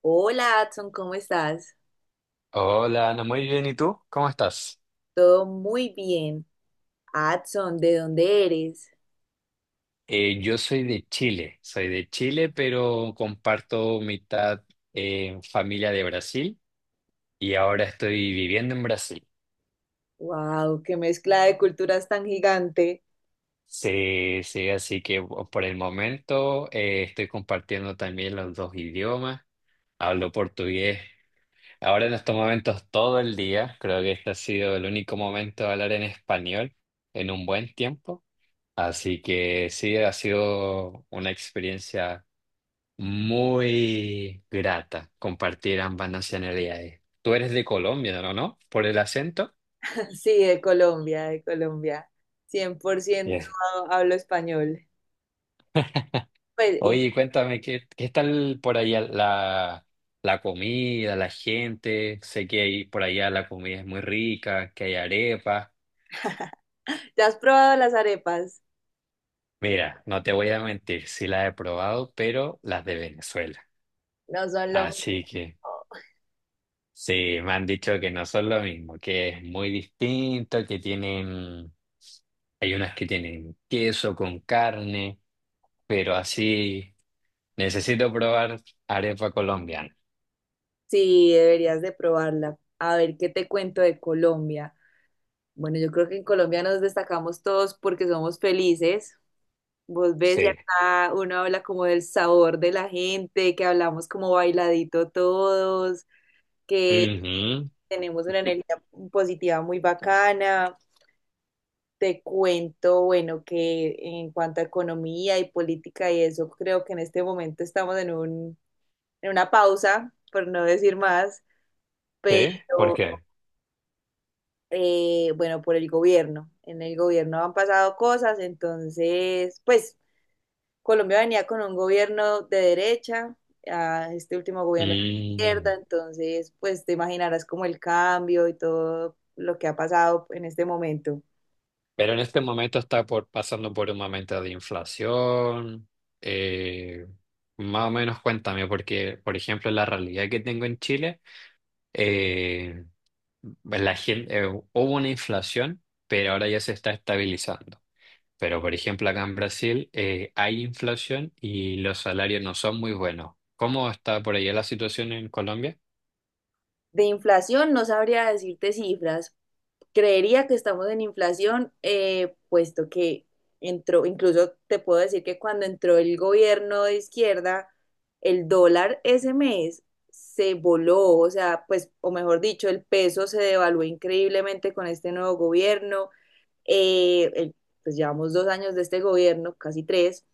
Hola, Adson, ¿cómo estás? Hola, Ana, muy bien. ¿Y tú? ¿Cómo estás? Todo muy bien. Adson, ¿de dónde eres? Yo soy de Chile, pero comparto mitad familia de Brasil y ahora estoy viviendo en Brasil. Wow, qué mezcla de culturas tan gigante. Sí, sí, así que por el momento estoy compartiendo también los dos idiomas. Hablo portugués ahora, en estos momentos, todo el día. Creo que este ha sido el único momento de hablar en español en un buen tiempo. Así que sí, ha sido una experiencia muy grata compartir ambas nacionalidades. Tú eres de Colombia, ¿no? ¿No? ¿Por el acento? Sí, de Colombia, de Colombia. 100% Yes. hablo español. Pues, y- Oye, cuéntame, ¿qué, qué tal por allá la, la comida, la gente? Sé que ahí, por allá la comida es muy rica, que hay arepas. ¿Ya has probado las arepas? Mira, no te voy a mentir, sí las he probado, pero las de Venezuela. No son lo mismo. Así que... sí, me han dicho que no son lo mismo, que es muy distinto, que tienen, hay unas que tienen queso con carne, pero así necesito probar arepa colombiana. Sí, deberías de probarla. A ver, ¿qué te cuento de Colombia? Bueno, yo creo que en Colombia nos destacamos todos porque somos felices. Vos ves, ya Sí. acá uno habla como del sabor de la gente, que hablamos como bailadito todos, Ujú. tenemos una energía positiva muy bacana. Te cuento, bueno, que en cuanto a economía y política y eso, creo que en este momento estamos en una pausa, por no decir más, ¿Sí? ¿Por pero, qué? Bueno, por el gobierno. En el gobierno han pasado cosas, entonces, pues Colombia venía con un gobierno de derecha, a este último gobierno de Mm. izquierda, entonces pues te imaginarás como el cambio y todo lo que ha pasado en este momento. Pero en este momento está por, pasando por un momento de inflación. eh, Más o menos cuéntame, porque, por ejemplo, la realidad que tengo en Chile. Eh, la gente, hubo una inflación, pero ahora ya se está estabilizando. Pero, por ejemplo, acá en Brasil hay inflación y los salarios no son muy buenos. ¿Cómo está por allá la situación en Colombia? De inflación no sabría decirte cifras, creería que estamos en inflación, puesto que entró, incluso te puedo decir que cuando entró el gobierno de izquierda, el dólar ese mes se voló, o sea, pues, o mejor dicho, el peso se devaluó increíblemente con este nuevo gobierno. Eh, el- pues llevamos 2 años de este gobierno, casi tres,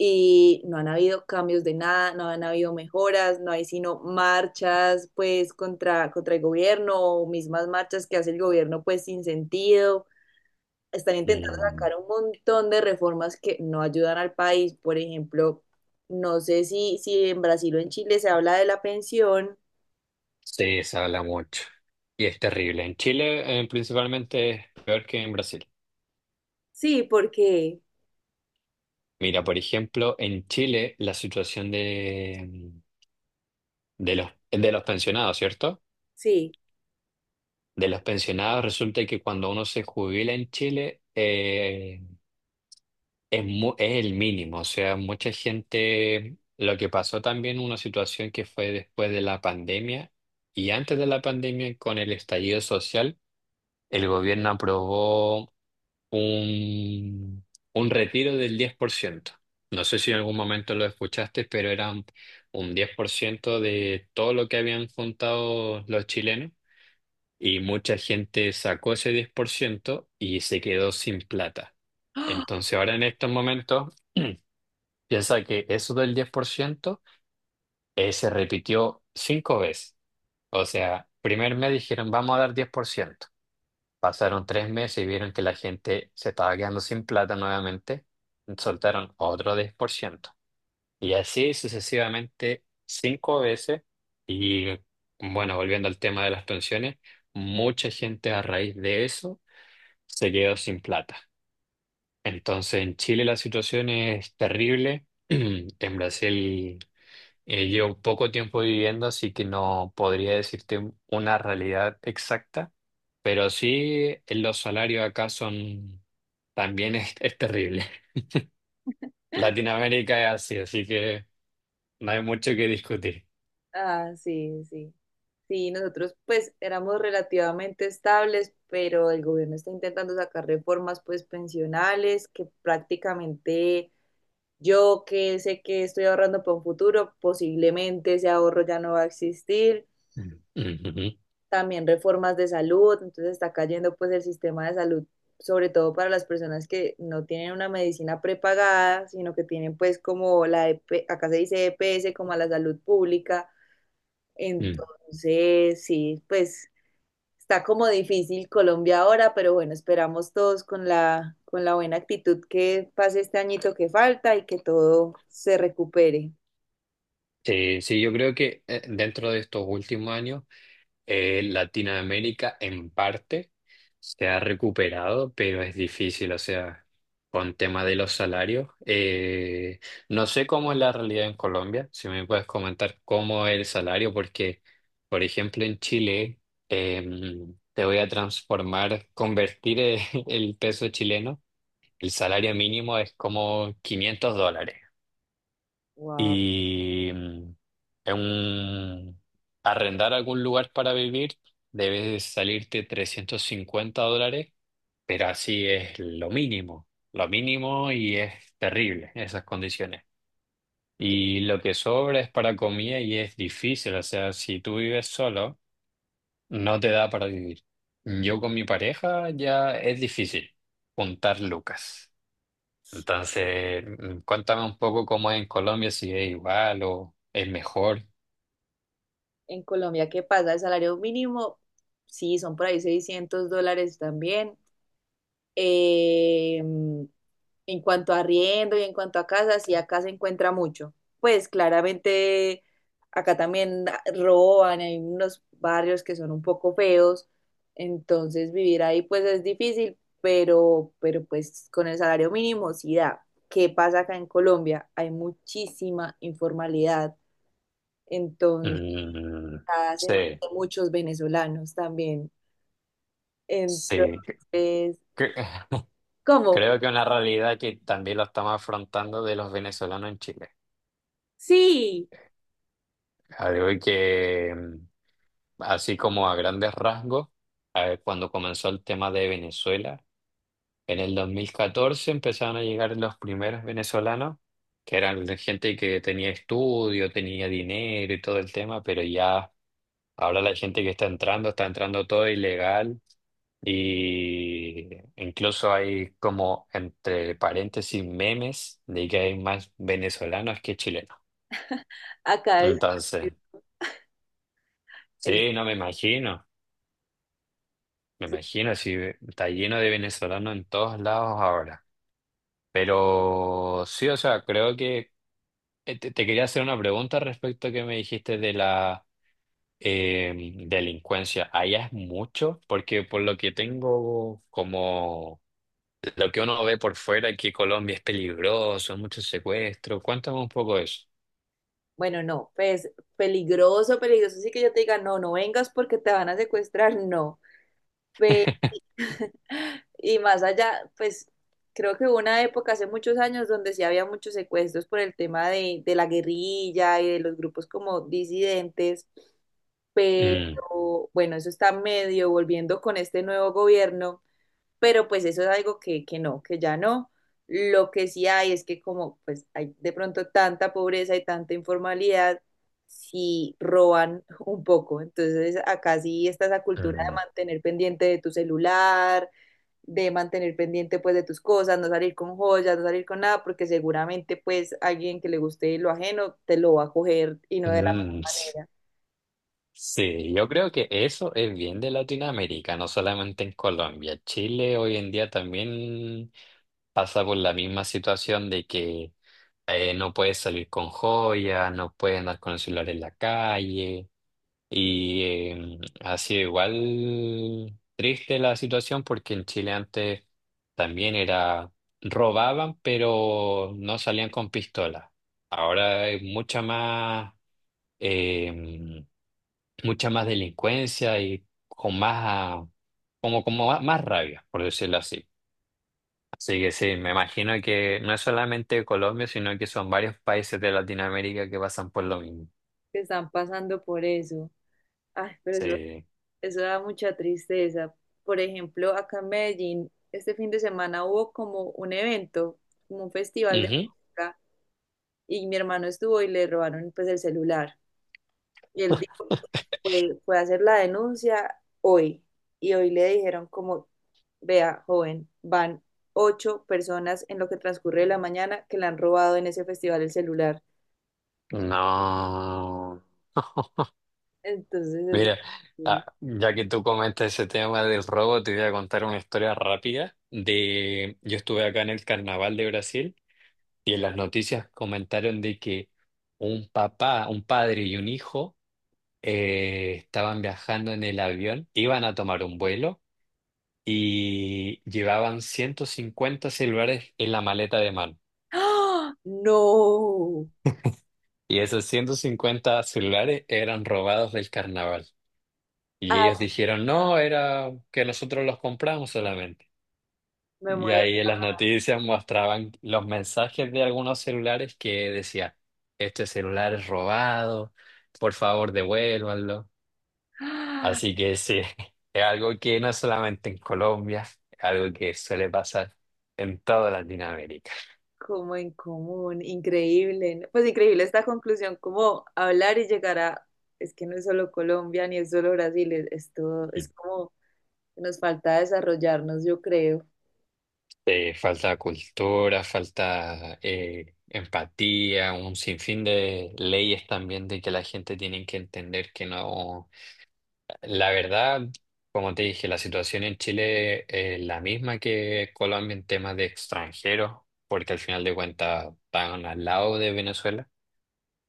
y no han habido cambios de nada, no han habido mejoras, no hay sino marchas pues contra el gobierno o mismas marchas que hace el gobierno pues sin sentido. Están intentando Mm, sacar un montón de reformas que no ayudan al país. Por ejemplo, no sé si en Brasil o en Chile se habla de la pensión. sí, se habla mucho y es terrible. En Chile, principalmente, es peor que en Brasil. Sí, porque Mira, por ejemplo, en Chile la situación de, de los pensionados, ¿cierto? sí. De los pensionados resulta que cuando uno se jubila en Chile es el mínimo, o sea, mucha gente, lo que pasó también, una situación que fue después de la pandemia y antes de la pandemia con el estallido social, el gobierno aprobó un, un retiro del diez por ciento. No sé si en algún momento lo escuchaste, pero era un 10% de todo lo que habían juntado los chilenos y mucha gente sacó ese 10% y se quedó sin plata. Entonces ahora en estos momentos, piensa que eso del 10% se repitió cinco veces. O sea, primer mes dijeron, vamos a dar diez por ciento. Pasaron tres meses y vieron que la gente se estaba quedando sin plata nuevamente. Soltaron otro diez por ciento. Y así sucesivamente, cinco veces. Y bueno, volviendo al tema de las pensiones, mucha gente a raíz de eso se quedó sin plata. Entonces en Chile la situación es terrible. En Brasil llevo poco tiempo viviendo, así que no podría decirte una realidad exacta, pero sí los salarios acá son, también es terrible. Latinoamérica es así, así que no hay mucho que discutir. Ah, ah, sí, sí. Sí, nosotros pues éramos relativamente estables, pero el gobierno está intentando sacar reformas pues pensionales que prácticamente yo que sé que estoy ahorrando para un futuro, posiblemente ese ahorro ya no va a existir. Mm. Ujú. También reformas de salud, entonces está cayendo pues el sistema de salud, sobre todo para las personas que no tienen una medicina prepagada, sino que tienen pues como la, EP acá se dice EPS, como a la salud pública. Mm. Entonces, sí, pues está como difícil Colombia ahora, pero bueno, esperamos todos con la buena actitud que pase este añito que falta y que todo se recupere. Sí, sí, yo creo que dentro de estos últimos años, Latinoamérica en parte se ha recuperado, pero es difícil, o sea, con tema de los salarios. No sé cómo es la realidad en Colombia, si me puedes comentar cómo es el salario, porque, por ejemplo, en Chile, te voy a transformar, convertir el el peso chileno, el salario mínimo es como $500. Wow. Y en un- arrendar algún lugar para vivir debe salirte $350, pero así es lo mínimo, lo mínimo, y es terrible esas condiciones. Y lo que sobra es para comida y es difícil, o sea, si tú vives solo, no te da para vivir. Yo con mi pareja ya es difícil juntar lucas. Entonces, cuéntame un poco cómo es en Colombia, si es igual o es mejor. En Colombia, ¿qué pasa? El salario mínimo, sí, son por ahí 600 dólares también. Eh, en cuanto a arriendo y en cuanto a casas, y acá se encuentra mucho. Pues claramente acá también roban, hay unos barrios que son un poco feos, entonces vivir ahí pues es difícil, pero pues con el salario mínimo sí da. ¿Qué pasa acá en Colombia? Hay muchísima informalidad, entonces Mm, cada semana sí, hay muchos venezolanos también. sí. Entonces, Cre- ¿cómo? Creo que una realidad que también lo estamos afrontando, de los venezolanos en Chile. Sí. Algo que, así como a grandes rasgos, a ver, cuando comenzó el tema de Venezuela, en el 2014 empezaron a llegar los primeros venezolanos, que eran de gente que tenía estudio, tenía dinero y todo el tema, pero ya. Ahora la gente que está entrando todo ilegal, y incluso hay, como entre paréntesis, memes de que hay más venezolanos que chilenos. Acá Entonces, es sí, no me imagino, me difícil. imagino si está lleno de venezolanos en todos lados ahora. Pero sí, o sea, creo que te quería hacer una pregunta respecto a que me dijiste de la eh, delincuencia. ¿Allá es mucho? Porque por lo que tengo como, lo que uno ve por fuera, es que Colombia es peligroso, mucho secuestro. Cuéntame un poco de eso. Bueno, no, pues peligroso, peligroso. Sí que yo te diga, no, no vengas porque te van a secuestrar, no. Pe- y más allá, pues creo que hubo una época hace muchos años donde sí había muchos secuestros por el tema de la guerrilla y de los grupos como disidentes, Mm, pero bueno, eso está medio volviendo con este nuevo gobierno. Pero pues eso es algo que no, que ya no. Lo que sí hay es que como pues hay de pronto tanta pobreza y tanta informalidad, si roban un poco. Entonces, acá sí está esa cultura de mm, mantener pendiente de tu celular, de mantener pendiente pues de tus cosas, no salir con joyas, no salir con nada, porque seguramente pues alguien que le guste lo ajeno te lo va a coger y no de la mejor mm, sí. manera. Sí, yo creo que eso es bien de Latinoamérica, no solamente en Colombia. Chile hoy en día también pasa por la misma situación, de que no puedes salir con joyas, no puedes andar con el celular en la calle. Y ha sido igual triste la situación, porque en Chile antes también era, robaban, pero no salían con pistola. Ahora hay eh, mucha más delincuencia y con más, como, como más más rabia, por decirlo así. Así que sí, me imagino que no es solamente Colombia, sino que son varios países de Latinoamérica que pasan por lo mismo. Que están pasando por eso. Ay, pero eso Sí. Eso da mucha tristeza. Por ejemplo, acá en Medellín, este fin de semana hubo como un evento, como un festival de Ujú. música, y mi hermano estuvo y le robaron pues el celular. Y él dijo, fue a hacer la denuncia hoy. Y hoy le dijeron como, vea, joven, van 8 personas en lo que transcurre de la mañana que le han robado en ese festival el celular. No. Entonces, así. Mira, ya que tú comentas ese tema del robo, te voy a contar una historia rápida. De yo estuve acá en el Carnaval de Brasil y en las noticias comentaron de que un papá, un padre y un hijo estaban viajando en el avión, iban a tomar un vuelo y llevaban 150 celulares en la maleta de mano. ¡Ah! ¡No! Y esos 150 celulares eran robados del Carnaval. Y ellos ¡Ay, dijeron, no, era que nosotros los compramos solamente. me Y muero! ahí en las noticias mostraban los mensajes de algunos celulares que decía, este celular es robado, por favor devuélvanlo. Así que sí, es algo que no es solamente en Colombia, es algo que suele pasar en toda Latinoamérica. Como en común, increíble, ¿no? Pues increíble esta conclusión, como hablar y llegar a, es que no es solo Colombia ni es solo Brasil, es todo, es Mm. como que nos falta desarrollarnos, yo creo. Falta cultura, falta empatía, un sinfín de leyes también, de que la gente tiene que entender que no. La verdad, como te dije, la situación en Chile es la misma que Colombia en temas de extranjeros, porque al final de cuentas están al lado de Venezuela.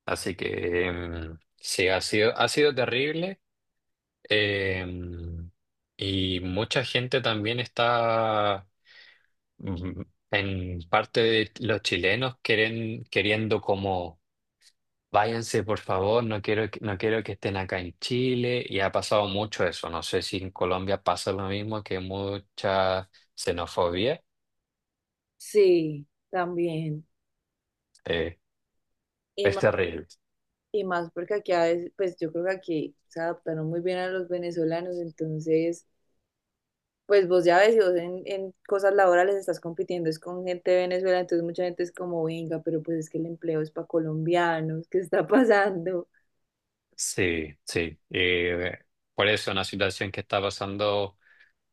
Así que sí, ha sido terrible. em, y mucha gente también está, mm, en parte de los chilenos, queren queriendo como, váyanse, por favor, no quiero que, no quiero que estén acá en Chile. Y ha pasado mucho eso. No sé si en Colombia pasa lo mismo, que mucha xenofobia. Sí, también. Eh, Y es más, terrible. y más porque aquí a veces, pues yo creo que aquí se adaptaron muy bien a los venezolanos, entonces, pues vos ya ves, si vos en cosas laborales estás compitiendo, es con gente de Venezuela, entonces mucha gente es como, venga, pero pues es que el empleo es para colombianos, ¿qué está pasando? Sí, sí. Por eso es una situación que está pasando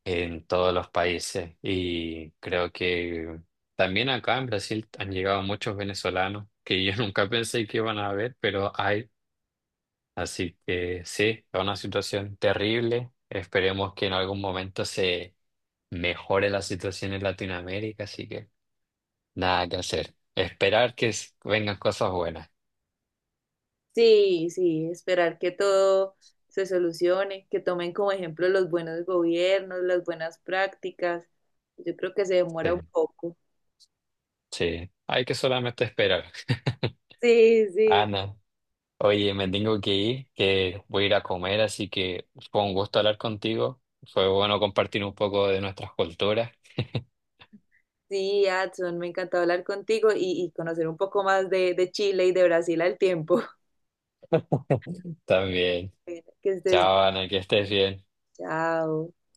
en todos los países, y creo que también acá en Brasil han llegado muchos venezolanos que yo nunca pensé que iban a haber, pero hay. Así que sí, es una situación terrible. Esperemos que en algún momento se mejore la situación en Latinoamérica, así que nada que hacer. Esperar que vengan cosas buenas. Sí, sí, esperar que todo se solucione, que tomen como ejemplo los buenos gobiernos, las buenas prácticas. Yo creo que se demora un Sí, poco. sí, hay que solamente esperar. Sí, sí. Ana, oye, me tengo que ir, que voy a ir a comer, así que fue un gusto hablar contigo. Fue bueno compartir un poco de nuestras culturas Sí, Adson, me encantó hablar contigo y conocer un poco más de Chile y de Brasil al tiempo. también. Que estés Chao, bien. Ana, que estés bien. Chao.